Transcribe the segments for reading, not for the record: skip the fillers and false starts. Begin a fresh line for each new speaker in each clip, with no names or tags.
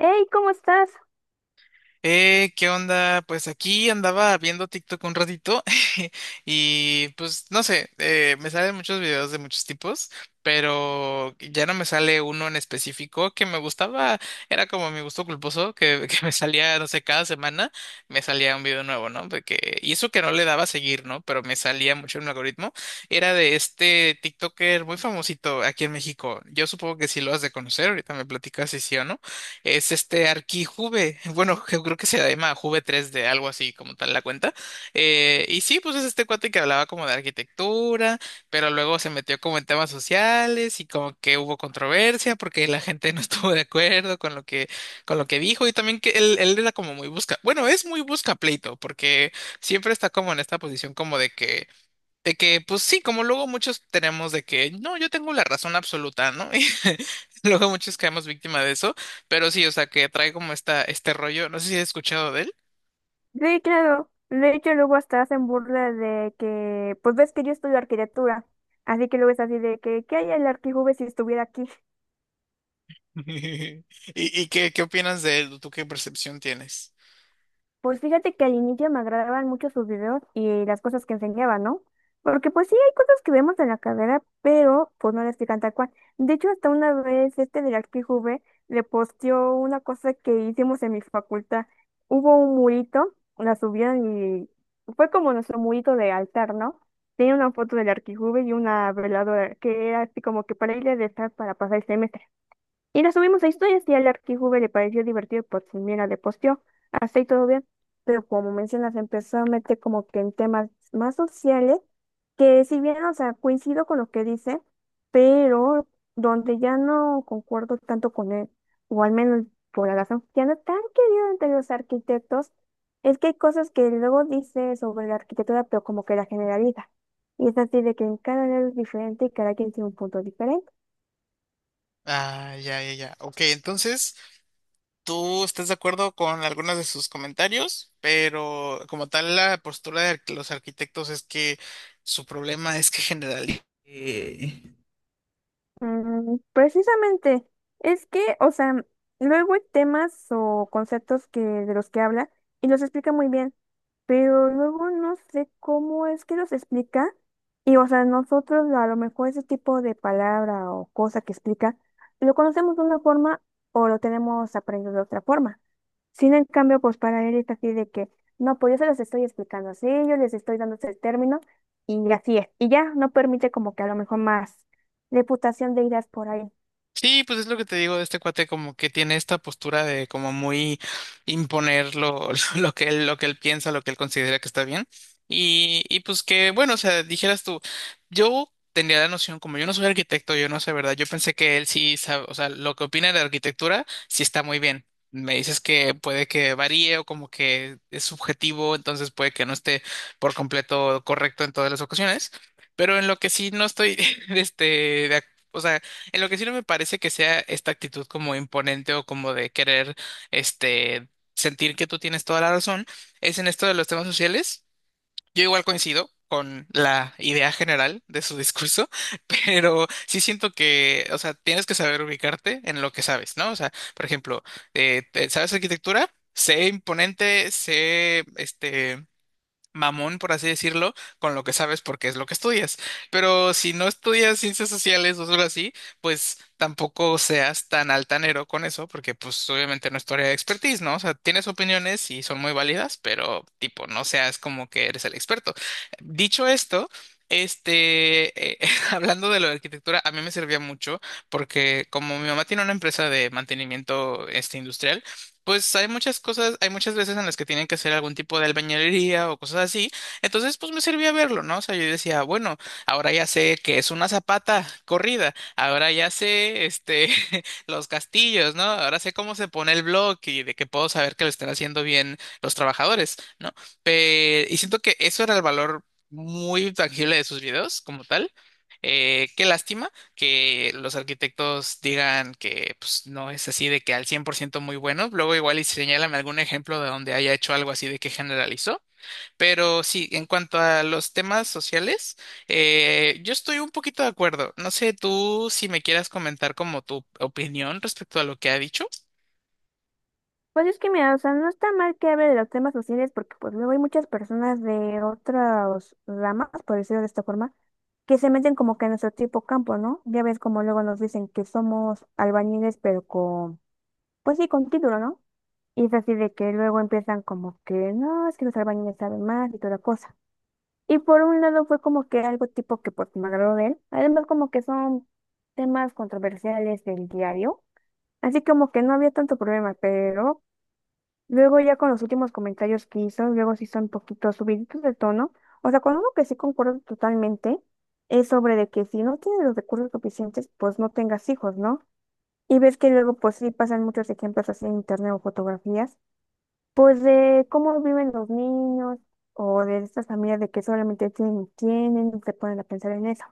Hey, ¿cómo estás?
¿Qué onda? Pues aquí andaba viendo TikTok un ratito y pues no sé, me salen muchos videos de muchos tipos, pero ya no me sale uno en específico que me gustaba. Era como mi gusto culposo, que, que me salía, no sé, cada semana me salía un video nuevo, ¿no? Porque, y eso que no le daba a seguir, ¿no? Pero me salía mucho en el algoritmo. Era de este TikToker muy famosito aquí en México. Yo supongo que sí lo has de conocer, ahorita me platicas si sí o no es este ArchiJuve. Bueno, yo creo que se llama Juve tres d, algo así como tal la cuenta. Y sí, pues es este cuate que hablaba como de arquitectura, pero luego se metió como en temas sociales y como que hubo controversia porque la gente no estuvo de acuerdo con lo que, dijo, y también que él era como muy busca, bueno, es muy busca pleito, porque siempre está como en esta posición como de que, pues sí, como luego muchos tenemos de que, no, yo tengo la razón absoluta, ¿no? Y luego muchos caemos víctima de eso, pero sí, o sea, que trae como esta, este rollo. No sé si has escuchado de él.
Sí, claro. De hecho, luego hasta hacen burla de que, pues ves que yo estudio arquitectura, así que luego es así de que, ¿qué hay el arquijube si estuviera aquí?
¿Y qué opinas de él? ¿Tú qué percepción tienes?
Pues fíjate que al inicio me agradaban mucho sus videos y las cosas que enseñaba, ¿no? Porque pues sí hay cosas que vemos en la carrera, pero pues no las explican tal cual. De hecho, hasta una vez este de la XQV le posteó una cosa que hicimos en mi facultad. Hubo un murito, la subieron y fue como nuestro murito de altar, ¿no? Tenía una foto del arquijuve y una veladora, que era así como que para ir a rezar para pasar el semestre. Y nos subimos a historias y al Arquijube le pareció divertido por si mira, le posteó, hasta ahí todo bien. Pero como mencionas, empezó a meter como que en temas más sociales, que si bien, o sea, coincido con lo que dice, pero donde ya no concuerdo tanto con él, o al menos por la razón que ya no es tan querido entre los arquitectos, es que hay cosas que luego dice sobre la arquitectura, pero como que la generaliza. Y es así de que en cada área es diferente y cada quien tiene un punto diferente.
Ah, ya, ya, ya. Ok, entonces, tú estás de acuerdo con algunos de sus comentarios, pero como tal, la postura de los arquitectos es que su problema es que generalizan.
Mm, precisamente, es que, o sea, luego hay temas o conceptos que de los que habla y los explica muy bien, pero luego no sé cómo es que los explica y, o sea, nosotros a lo mejor ese tipo de palabra o cosa que explica lo conocemos de una forma o lo tenemos aprendido de otra forma. Sin en cambio, pues para él es así de que, no, pues yo se los estoy explicando así, yo les estoy dando ese término y así es. Y ya no permite como que a lo mejor más reputación de ideas por ahí.
Sí, pues es lo que te digo de este cuate, como que tiene esta postura de como muy imponer lo, lo que él piensa, lo que él considera que está bien. Y pues que, bueno, o sea, dijeras tú, yo tenía la noción, como yo no soy arquitecto, yo no sé, ¿verdad? Yo pensé que él sí sabe, o sea, lo que opina de arquitectura sí está muy bien. Me dices que puede que varíe o como que es subjetivo, entonces puede que no esté por completo correcto en todas las ocasiones. Pero en lo que sí no estoy, este, de ac- o sea, en lo que sí no me parece que sea esta actitud como imponente o como de querer, este, sentir que tú tienes toda la razón, es en esto de los temas sociales. Yo igual coincido con la idea general de su discurso, pero sí siento que, o sea, tienes que saber ubicarte en lo que sabes, ¿no? O sea, por ejemplo, ¿sabes arquitectura? Sé imponente, sé, este, mamón, por así decirlo, con lo que sabes porque es lo que estudias. Pero si no estudias ciencias sociales o algo así, pues tampoco seas tan altanero con eso, porque pues obviamente no es tu área de expertise, ¿no? O sea, tienes opiniones y son muy válidas, pero tipo, no seas como que eres el experto. Dicho esto, este, hablando de lo de arquitectura, a mí me servía mucho porque como mi mamá tiene una empresa de mantenimiento este industrial, pues hay muchas cosas, hay muchas veces en las que tienen que hacer algún tipo de albañilería o cosas así. Entonces, pues me servía verlo, ¿no? O sea, yo decía, bueno, ahora ya sé que es una zapata corrida, ahora ya sé, este, los castillos, ¿no? Ahora sé cómo se pone el bloque y de que puedo saber que lo están haciendo bien los trabajadores, ¿no? Y siento que eso era el valor muy tangible de sus videos como tal. Qué lástima que los arquitectos digan que pues, no es así de que al 100% muy bueno. Luego igual y señálame algún ejemplo de donde haya hecho algo así de que generalizó. Pero sí, en cuanto a los temas sociales, yo estoy un poquito de acuerdo. No sé tú si me quieras comentar como tu opinión respecto a lo que ha dicho.
Pues es que mira, o sea, no está mal que hable de los temas sociales porque pues luego hay muchas personas de otras ramas, por decirlo de esta forma, que se meten como que en nuestro tipo campo, ¿no? Ya ves como luego nos dicen que somos albañiles, pero con, pues sí, con título, ¿no? Y es así de que luego empiezan como que, no, es que los albañiles saben más y toda la cosa. Y por un lado fue como que algo tipo que pues me agradó de él. Además como que son temas controversiales del diario. Así como que no había tanto problema, pero luego ya con los últimos comentarios que hizo, luego sí son un poquito subiditos de tono. O sea, con uno que sí concuerdo totalmente es sobre de que si no tienes los recursos suficientes, pues no tengas hijos, ¿no? Y ves que luego pues sí pasan muchos ejemplos así en internet o fotografías, pues de cómo viven los niños o de estas familias de que solamente tienen, y tienen, y se ponen a pensar en eso.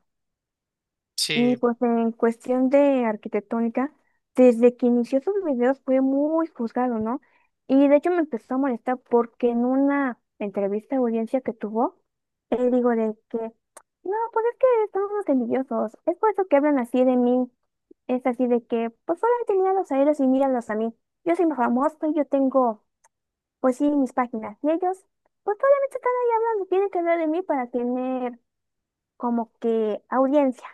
Y
Sí.
pues en cuestión de arquitectónica, desde que inició sus videos fue muy juzgado, ¿no? Y de hecho me empezó a molestar porque en una entrevista de audiencia que tuvo, él dijo de que, no, pues es que estamos unos envidiosos, es por eso que hablan así de mí, es así de que, pues solamente míralos a ellos y míralos a mí, yo soy famoso y yo tengo, pues sí, mis páginas, y ellos, pues solamente están ahí hablando, tienen que hablar de mí para tener como que audiencia.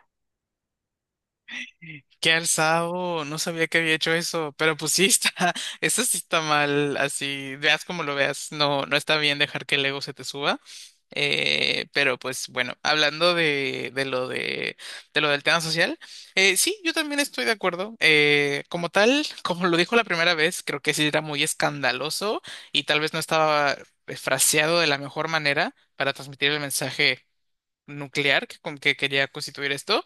Qué alzado, no sabía que había hecho eso, pero pues sí está, eso sí está mal, así, veas como lo veas. No, no está bien dejar que el ego se te suba. Pero pues bueno, hablando de lo del tema social, sí, yo también estoy de acuerdo. Como tal, como lo dijo la primera vez, creo que sí era muy escandaloso y tal vez no estaba fraseado de la mejor manera para transmitir el mensaje nuclear que, con que quería constituir esto.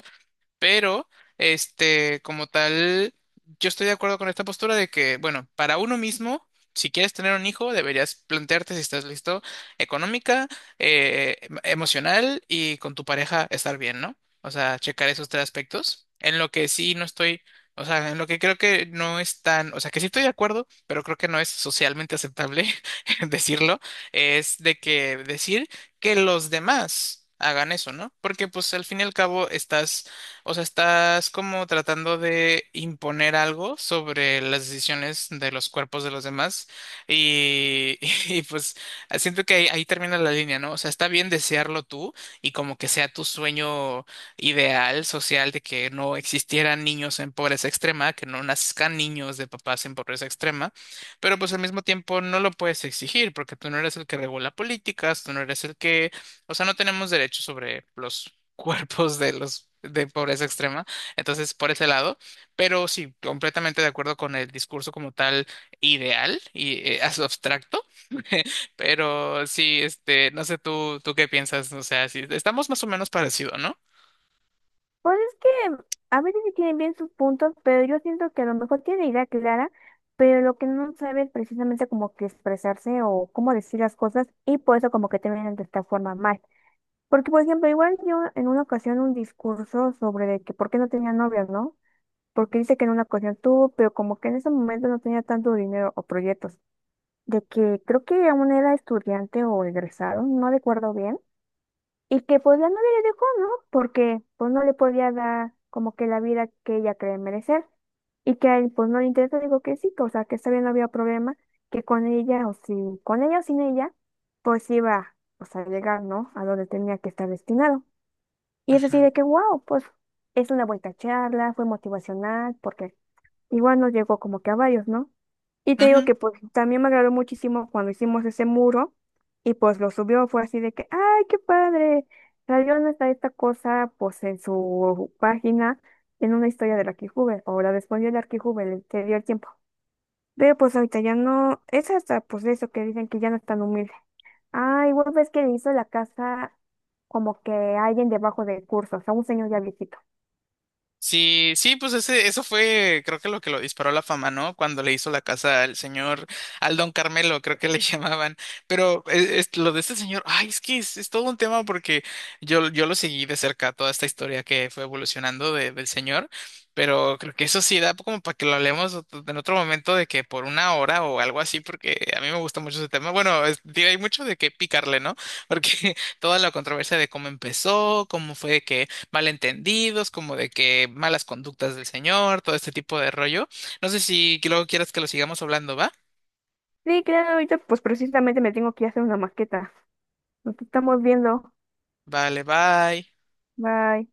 Pero, este, como tal, yo estoy de acuerdo con esta postura de que, bueno, para uno mismo, si quieres tener un hijo, deberías plantearte si estás listo económica, emocional, y con tu pareja estar bien, ¿no? O sea, checar esos tres aspectos. En lo que sí no estoy, o sea, en lo que creo que no es tan, o sea, que sí estoy de acuerdo, pero creo que no es socialmente aceptable decirlo, es de que decir que los demás hagan eso, ¿no? Porque pues al fin y al cabo estás, o sea, estás como tratando de imponer algo sobre las decisiones de los cuerpos de los demás, y, y pues siento que ahí, ahí termina la línea, ¿no? O sea, está bien desearlo tú y como que sea tu sueño ideal social, de que no existieran niños en pobreza extrema, que no nazcan niños de papás en pobreza extrema, pero pues al mismo tiempo no lo puedes exigir porque tú no eres el que regula políticas, tú no eres el que, o sea, no tenemos derechos sobre los cuerpos de los de pobreza extrema. Entonces, por ese lado, pero sí, completamente de acuerdo con el discurso como tal ideal y abstracto. Pero sí, este, no sé tú, tú qué piensas, o sea, sí, estamos más o menos parecido, ¿no?
Pues es que a veces sí tienen bien sus puntos, pero yo siento que a lo mejor tiene idea clara, pero lo que no sabe es precisamente como que expresarse o cómo decir las cosas y por eso como que terminan de esta forma mal. Porque, por ejemplo, igual yo en una ocasión un discurso sobre de que por qué no tenía novias, ¿no? Porque dice que en una ocasión tuvo, pero como que en ese momento no tenía tanto dinero o proyectos. De que creo que aún era estudiante o egresado, no recuerdo bien. Y que pues la novia le dejó, ¿no? Porque pues no le podía dar como que la vida que ella cree merecer. Y que a él pues no le interesa, digo que sí, que, o sea, que está bien, no había problema, que con ella o si, con ella o sin ella, pues iba pues, a llegar, ¿no? A donde tenía que estar destinado. Y es así
Ujú.
de que, wow, pues es una buena charla, fue motivacional, porque igual nos llegó como que a varios, ¿no? Y te digo
Ujú.
que pues también me agradó muchísimo cuando hicimos ese muro y pues lo subió, fue así de que, ¡ay, qué padre! Salió nuestra esta cosa pues en su página, en una historia del Arquijube, o la respondió el Arquijube, se dio el tiempo. Pero pues ahorita ya no, es hasta pues eso que dicen que ya no es tan humilde. Ah, igual ves que le hizo la casa como que a alguien debajo del curso, o sea, un señor ya viejito.
Sí, sí, pues ese, eso fue, creo que lo disparó a la fama, ¿no? Cuando le hizo la casa al señor, al don Carmelo, creo que le llamaban. Pero lo de este señor, ay, es que es todo un tema, porque yo lo seguí de cerca toda esta historia que fue evolucionando del señor. Pero creo que eso sí da como para que lo hablemos en otro momento, de que por 1 hora o algo así, porque a mí me gusta mucho ese tema. Bueno, hay mucho de qué picarle, ¿no? Porque toda la controversia de cómo empezó, cómo fue que malentendidos, como de que malas conductas del señor, todo este tipo de rollo. No sé si luego quieras que lo sigamos hablando, ¿va?
Sí, claro, ahorita pues precisamente me tengo que ir a hacer una maqueta. Nos estamos viendo.
Vale, bye.
Bye.